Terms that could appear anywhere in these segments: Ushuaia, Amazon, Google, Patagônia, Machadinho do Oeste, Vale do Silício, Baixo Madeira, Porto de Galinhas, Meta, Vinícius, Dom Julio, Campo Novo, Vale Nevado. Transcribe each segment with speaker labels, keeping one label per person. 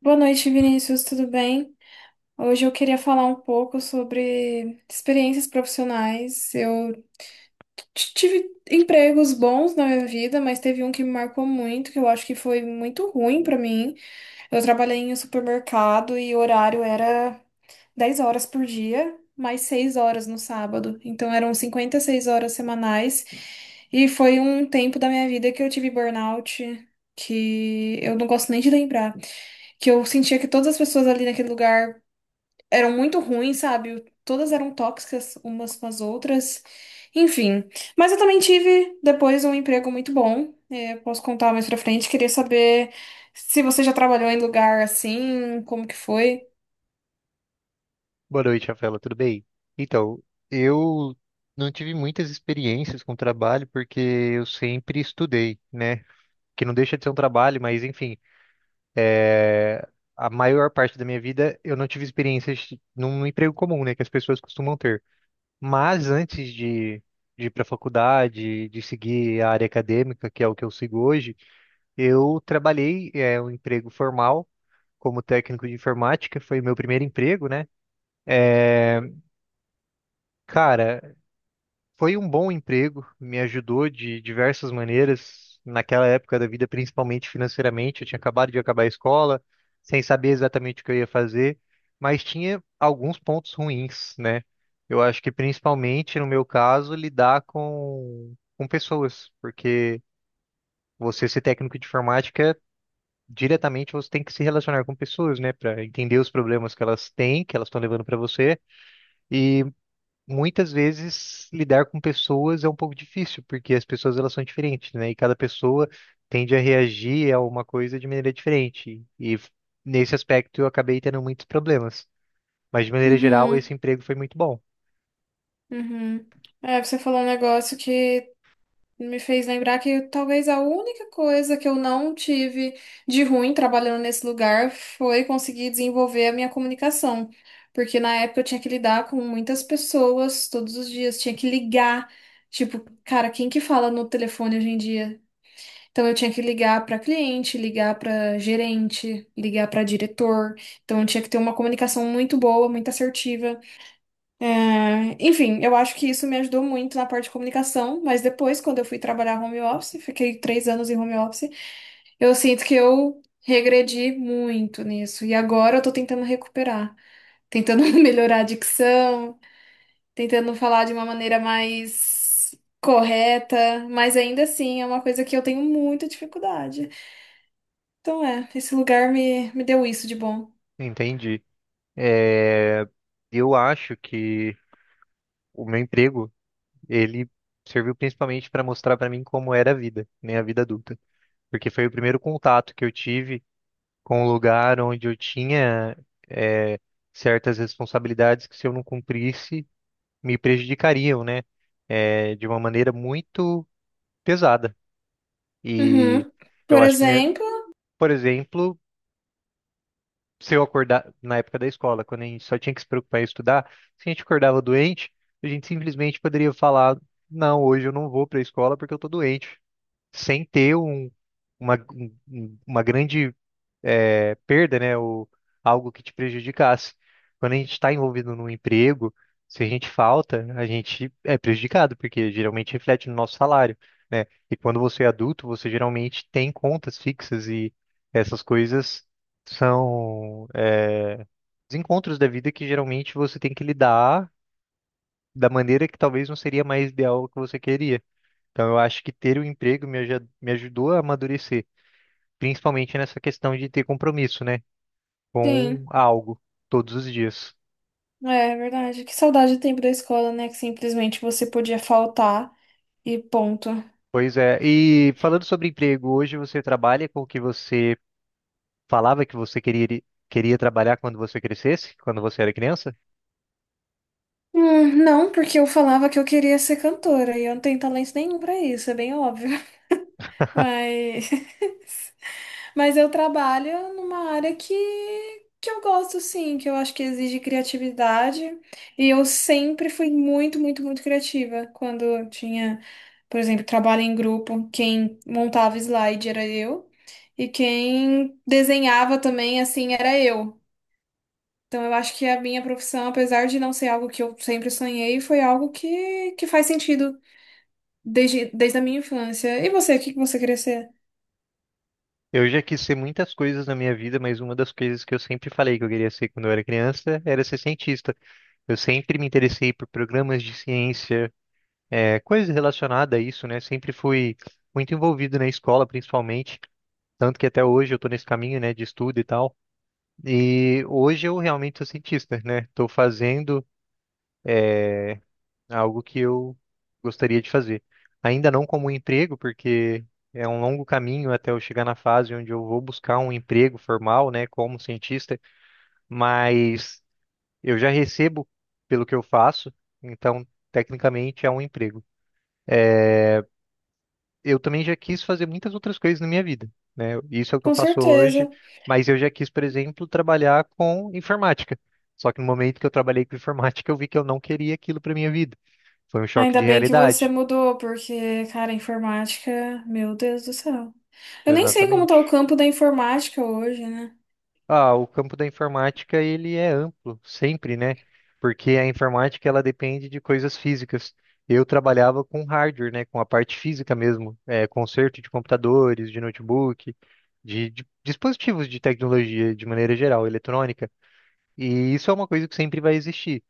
Speaker 1: Boa noite, Vinícius, tudo bem? Hoje eu queria falar um pouco sobre experiências profissionais. Eu tive empregos bons na minha vida, mas teve um que me marcou muito, que eu acho que foi muito ruim pra mim. Eu trabalhei em um supermercado e o horário era 10 horas por dia, mais 6 horas no sábado. Então eram 56 horas semanais. E foi um tempo da minha vida que eu tive burnout, que eu não gosto nem de lembrar, que eu sentia que todas as pessoas ali naquele lugar eram muito ruins, sabe? Todas eram tóxicas umas com as outras. Enfim. Mas eu também tive depois um emprego muito bom. É, posso contar mais pra frente. Queria saber se você já trabalhou em lugar assim, como que foi?
Speaker 2: Boa noite, Rafaela, tudo bem? Então, eu não tive muitas experiências com trabalho porque eu sempre estudei, né? Que não deixa de ser um trabalho, mas enfim, a maior parte da minha vida eu não tive experiências num emprego comum, né? Que as pessoas costumam ter. Mas antes de ir para a faculdade, de seguir a área acadêmica, que é o que eu sigo hoje, eu trabalhei, um emprego formal como técnico de informática, foi o meu primeiro emprego, né? É, cara, foi um bom emprego, me ajudou de diversas maneiras naquela época da vida, principalmente financeiramente. Eu tinha acabado de acabar a escola, sem saber exatamente o que eu ia fazer, mas tinha alguns pontos ruins, né? Eu acho que principalmente no meu caso, lidar com pessoas, porque você ser técnico de informática, diretamente você tem que se relacionar com pessoas, né, para entender os problemas que elas têm, que elas estão levando para você. E muitas vezes lidar com pessoas é um pouco difícil, porque as pessoas elas são diferentes, né? E cada pessoa tende a reagir a uma coisa de maneira diferente. Nesse aspecto eu acabei tendo muitos problemas. Mas de maneira geral,
Speaker 1: Uhum,
Speaker 2: esse emprego foi muito bom.
Speaker 1: uhum. É, você falou um negócio que me fez lembrar que talvez a única coisa que eu não tive de ruim trabalhando nesse lugar foi conseguir desenvolver a minha comunicação. Porque na época eu tinha que lidar com muitas pessoas todos os dias, tinha que ligar. Tipo, cara, quem que fala no telefone hoje em dia? Então eu tinha que ligar para cliente, ligar para gerente, ligar para diretor. Então eu tinha que ter uma comunicação muito boa, muito assertiva. É, enfim, eu acho que isso me ajudou muito na parte de comunicação, mas depois, quando eu fui trabalhar home office, fiquei 3 anos em home office, eu sinto que eu regredi muito nisso. E agora eu tô tentando recuperar, tentando melhorar a dicção, tentando falar de uma maneira mais correta, mas ainda assim é uma coisa que eu tenho muita dificuldade. Então é, esse lugar me deu isso de bom.
Speaker 2: Entendi. É, eu acho que o meu emprego, ele serviu principalmente para mostrar para mim como era a vida, né, a vida adulta, porque foi o primeiro contato que eu tive com um lugar onde eu tinha eh, certas responsabilidades que, se eu não cumprisse, me prejudicariam, né? De uma maneira muito pesada. E
Speaker 1: Uhum.
Speaker 2: eu
Speaker 1: Por
Speaker 2: acho que,
Speaker 1: exemplo,
Speaker 2: por exemplo, se eu acordar na época da escola, quando a gente só tinha que se preocupar em estudar, se a gente acordava doente, a gente simplesmente poderia falar, não, hoje eu não vou para a escola porque eu tô doente, sem ter uma grande perda, né? Ou algo que te prejudicasse. Quando a gente está envolvido num emprego, se a gente falta, a gente é prejudicado, porque geralmente reflete no nosso salário, né? E quando você é adulto, você geralmente tem contas fixas e essas coisas são os encontros da vida que geralmente você tem que lidar da maneira que talvez não seria mais ideal o que você queria. Então, eu acho que ter o emprego me ajudou a amadurecer, principalmente nessa questão de ter compromisso, né? Com
Speaker 1: sim.
Speaker 2: algo todos os dias.
Speaker 1: É, é verdade. Que saudade do tempo da escola, né? Que simplesmente você podia faltar e ponto.
Speaker 2: Pois é. E falando sobre emprego, hoje você trabalha com o que você falava que você queria, queria trabalhar quando você crescesse, quando você era criança?
Speaker 1: Não, porque eu falava que eu queria ser cantora e eu não tenho talento nenhum pra isso, é bem óbvio. Mas eu trabalho numa área que eu gosto, sim, que eu acho que exige criatividade. E eu sempre fui muito, muito, muito criativa. Quando eu tinha, por exemplo, trabalho em grupo, quem montava slide era eu, e quem desenhava também, assim, era eu. Então eu acho que a minha profissão, apesar de não ser algo que eu sempre sonhei, foi algo que faz sentido desde a minha infância. E você, o que que você queria ser?
Speaker 2: Eu já quis ser muitas coisas na minha vida, mas uma das coisas que eu sempre falei que eu queria ser quando eu era criança era ser cientista. Eu sempre me interessei por programas de ciência, coisas relacionadas a isso, né? Sempre fui muito envolvido na escola, principalmente. Tanto que até hoje eu estou nesse caminho, né, de estudo e tal. E hoje eu realmente sou cientista, né? Estou fazendo algo que eu gostaria de fazer. Ainda não como um emprego, porque é um longo caminho até eu chegar na fase onde eu vou buscar um emprego formal, né, como cientista, mas eu já recebo pelo que eu faço, então tecnicamente é um emprego. Eu também já quis fazer muitas outras coisas na minha vida, né? Isso é o que eu
Speaker 1: Com
Speaker 2: faço hoje,
Speaker 1: certeza.
Speaker 2: mas eu já quis, por exemplo, trabalhar com informática. Só que no momento que eu trabalhei com informática, eu vi que eu não queria aquilo para minha vida. Foi um choque
Speaker 1: Ainda
Speaker 2: de
Speaker 1: bem que você
Speaker 2: realidade.
Speaker 1: mudou, porque, cara, informática, meu Deus do céu. Eu nem sei como tá o
Speaker 2: Exatamente.
Speaker 1: campo da informática hoje, né?
Speaker 2: Ah, o campo da informática ele é amplo, sempre, né? Porque a informática ela depende de coisas físicas. Eu trabalhava com hardware, né? Com a parte física mesmo, é, conserto de computadores, de notebook, de dispositivos de tecnologia de maneira geral, eletrônica. E isso é uma coisa que sempre vai existir.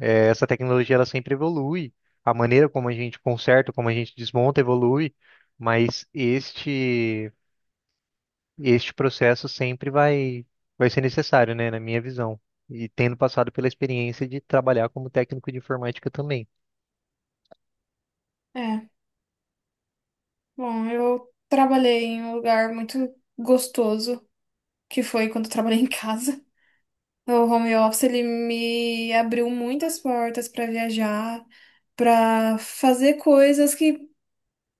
Speaker 2: É, essa tecnologia ela sempre evolui, a maneira como a gente conserta, como a gente desmonta evolui, mas este processo sempre vai ser necessário, né, na minha visão. E tendo passado pela experiência de trabalhar como técnico de informática também.
Speaker 1: É, bom, eu trabalhei em um lugar muito gostoso, que foi quando eu trabalhei em casa. O home office, ele me abriu muitas portas pra viajar, pra fazer coisas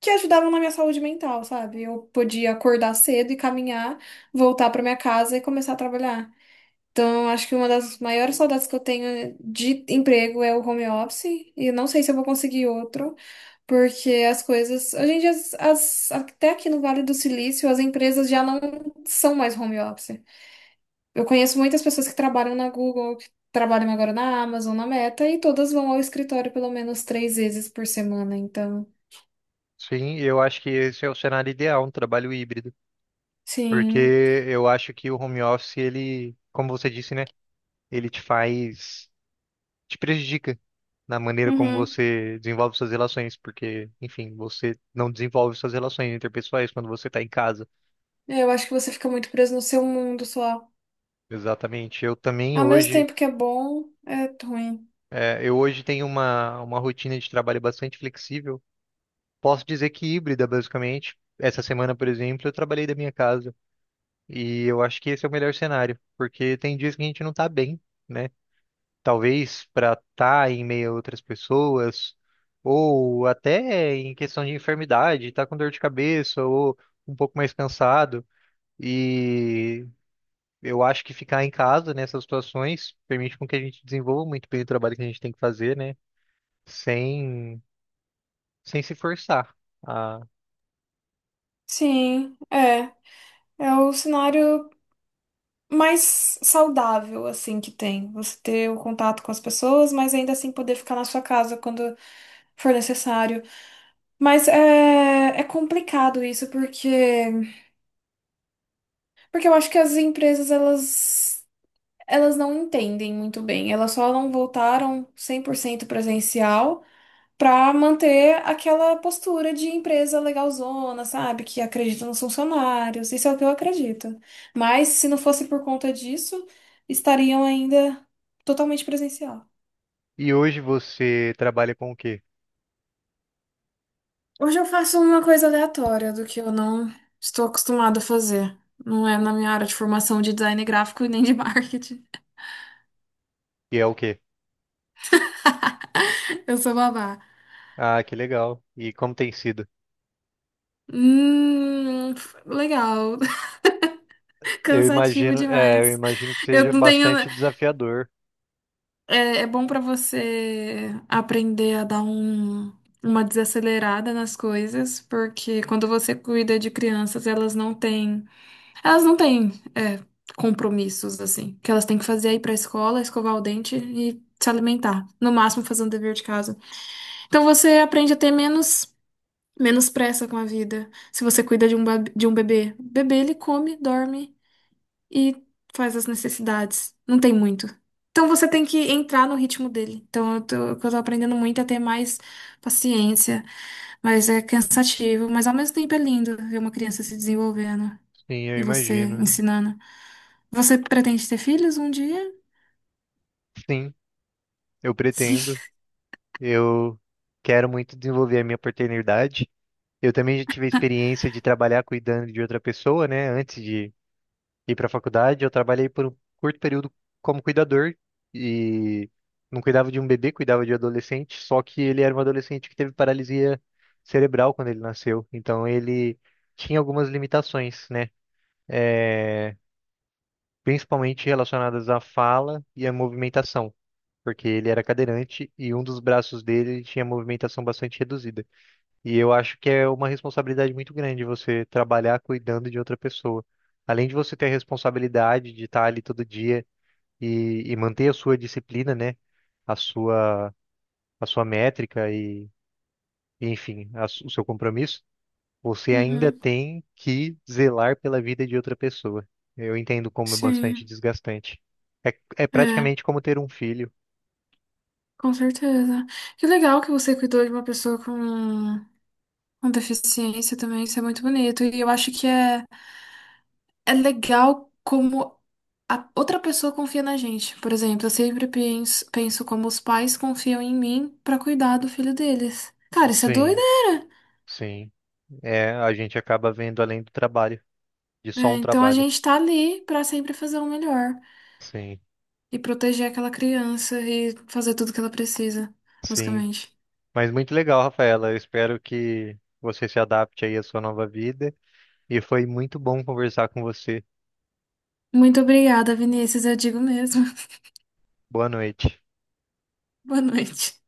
Speaker 1: que ajudavam na minha saúde mental, sabe? Eu podia acordar cedo e caminhar, voltar pra minha casa e começar a trabalhar. Então, acho que uma das maiores saudades que eu tenho de emprego é o home office. E eu não sei se eu vou conseguir outro, porque as coisas. Hoje em dia, até aqui no Vale do Silício, as empresas já não são mais home office. Eu conheço muitas pessoas que trabalham na Google, que trabalham agora na Amazon, na Meta, e todas vão ao escritório pelo menos 3 vezes por semana. Então,
Speaker 2: Sim, eu acho que esse é o cenário ideal, um trabalho híbrido, porque
Speaker 1: sim.
Speaker 2: eu acho que o home office, ele, como você disse, né, ele te prejudica na maneira como
Speaker 1: Uhum.
Speaker 2: você desenvolve suas relações, porque, enfim, você não desenvolve suas relações interpessoais quando você está em casa.
Speaker 1: Eu acho que você fica muito preso no seu mundo só.
Speaker 2: Exatamente.
Speaker 1: Ao mesmo tempo que é bom, é ruim.
Speaker 2: Eu hoje tenho uma rotina de trabalho bastante flexível. Posso dizer que híbrida, basicamente. Essa semana, por exemplo, eu trabalhei da minha casa e eu acho que esse é o melhor cenário, porque tem dias que a gente não tá bem, né? Talvez para estar em meio a outras pessoas, ou até em questão de enfermidade, tá com dor de cabeça ou um pouco mais cansado. E eu acho que ficar em casa nessas situações permite com que a gente desenvolva muito bem o trabalho que a gente tem que fazer, né? Sem, Sem se forçar.
Speaker 1: Sim, é. É o cenário mais saudável, assim, que tem. Você ter o contato com as pessoas, mas ainda assim poder ficar na sua casa quando for necessário. Mas é, é complicado isso, porque, eu acho que as empresas, elas não entendem muito bem. Elas só não voltaram 100% presencial para manter aquela postura de empresa legalzona, sabe? Que acredita nos funcionários. Isso é o que eu acredito. Mas se não fosse por conta disso, estariam ainda totalmente presencial.
Speaker 2: E hoje você trabalha com o quê?
Speaker 1: Hoje eu faço uma coisa aleatória do que eu não estou acostumada a fazer. Não é na minha área de formação de design gráfico e nem de marketing.
Speaker 2: E é o quê?
Speaker 1: Eu sou babá.
Speaker 2: Ah, que legal. E como tem sido?
Speaker 1: Hum, Legal.
Speaker 2: Eu
Speaker 1: Cansativo
Speaker 2: imagino, é, eu
Speaker 1: demais.
Speaker 2: imagino que seja
Speaker 1: Eu não tenho.
Speaker 2: bastante desafiador.
Speaker 1: É, é bom para você aprender a dar um, uma desacelerada nas coisas, porque quando você cuida de crianças, elas não têm, é, compromissos assim, que elas têm que fazer aí para a escola, escovar o dente e se alimentar, no máximo fazer um dever de casa. Então você aprende a ter menos pressa com a vida. Se você cuida de um bebê, o bebê ele come, dorme e faz as necessidades. Não tem muito. Então você tem que entrar no ritmo dele. Então eu tô, o que eu tô aprendendo muito é ter mais paciência, mas é cansativo, mas ao mesmo tempo é lindo ver uma criança se desenvolvendo
Speaker 2: Sim, eu
Speaker 1: e você
Speaker 2: imagino.
Speaker 1: ensinando. Você pretende ter filhos um dia?
Speaker 2: Sim, eu
Speaker 1: Sim.
Speaker 2: pretendo. Eu quero muito desenvolver a minha paternidade. Eu também já tive a experiência de trabalhar cuidando de outra pessoa, né? Antes de ir para a faculdade. Eu trabalhei por um curto período como cuidador e não cuidava de um bebê, cuidava de um adolescente. Só que ele era um adolescente que teve paralisia cerebral quando ele nasceu. Então ele tinha algumas limitações, né? É, principalmente relacionadas à fala e à movimentação, porque ele era cadeirante e um dos braços dele tinha movimentação bastante reduzida. E eu acho que é uma responsabilidade muito grande você trabalhar cuidando de outra pessoa. Além de você ter a responsabilidade de estar ali todo dia e manter a sua disciplina, né? A sua, a sua métrica enfim, o seu compromisso, você ainda
Speaker 1: Uhum.
Speaker 2: tem que zelar pela vida de outra pessoa. Eu entendo como é bastante
Speaker 1: Sim,
Speaker 2: desgastante. É, é
Speaker 1: é,
Speaker 2: praticamente como ter um filho.
Speaker 1: com certeza. Que legal que você cuidou de uma pessoa com deficiência também, isso é muito bonito. E eu acho que é é legal como a outra pessoa confia na gente. Por exemplo, eu sempre penso como os pais confiam em mim pra cuidar do filho deles. Cara, isso é
Speaker 2: Sim,
Speaker 1: doideira.
Speaker 2: sim. É, a gente acaba vendo além do trabalho, de só
Speaker 1: Né?
Speaker 2: um
Speaker 1: Então a
Speaker 2: trabalho.
Speaker 1: gente tá ali pra sempre fazer o melhor
Speaker 2: Sim,
Speaker 1: e proteger aquela criança e fazer tudo que ela precisa,
Speaker 2: sim.
Speaker 1: basicamente.
Speaker 2: Mas muito legal, Rafaela. Eu espero que você se adapte aí à sua nova vida. E foi muito bom conversar com você.
Speaker 1: Muito obrigada, Vinícius, eu digo mesmo.
Speaker 2: Boa noite.
Speaker 1: Boa noite.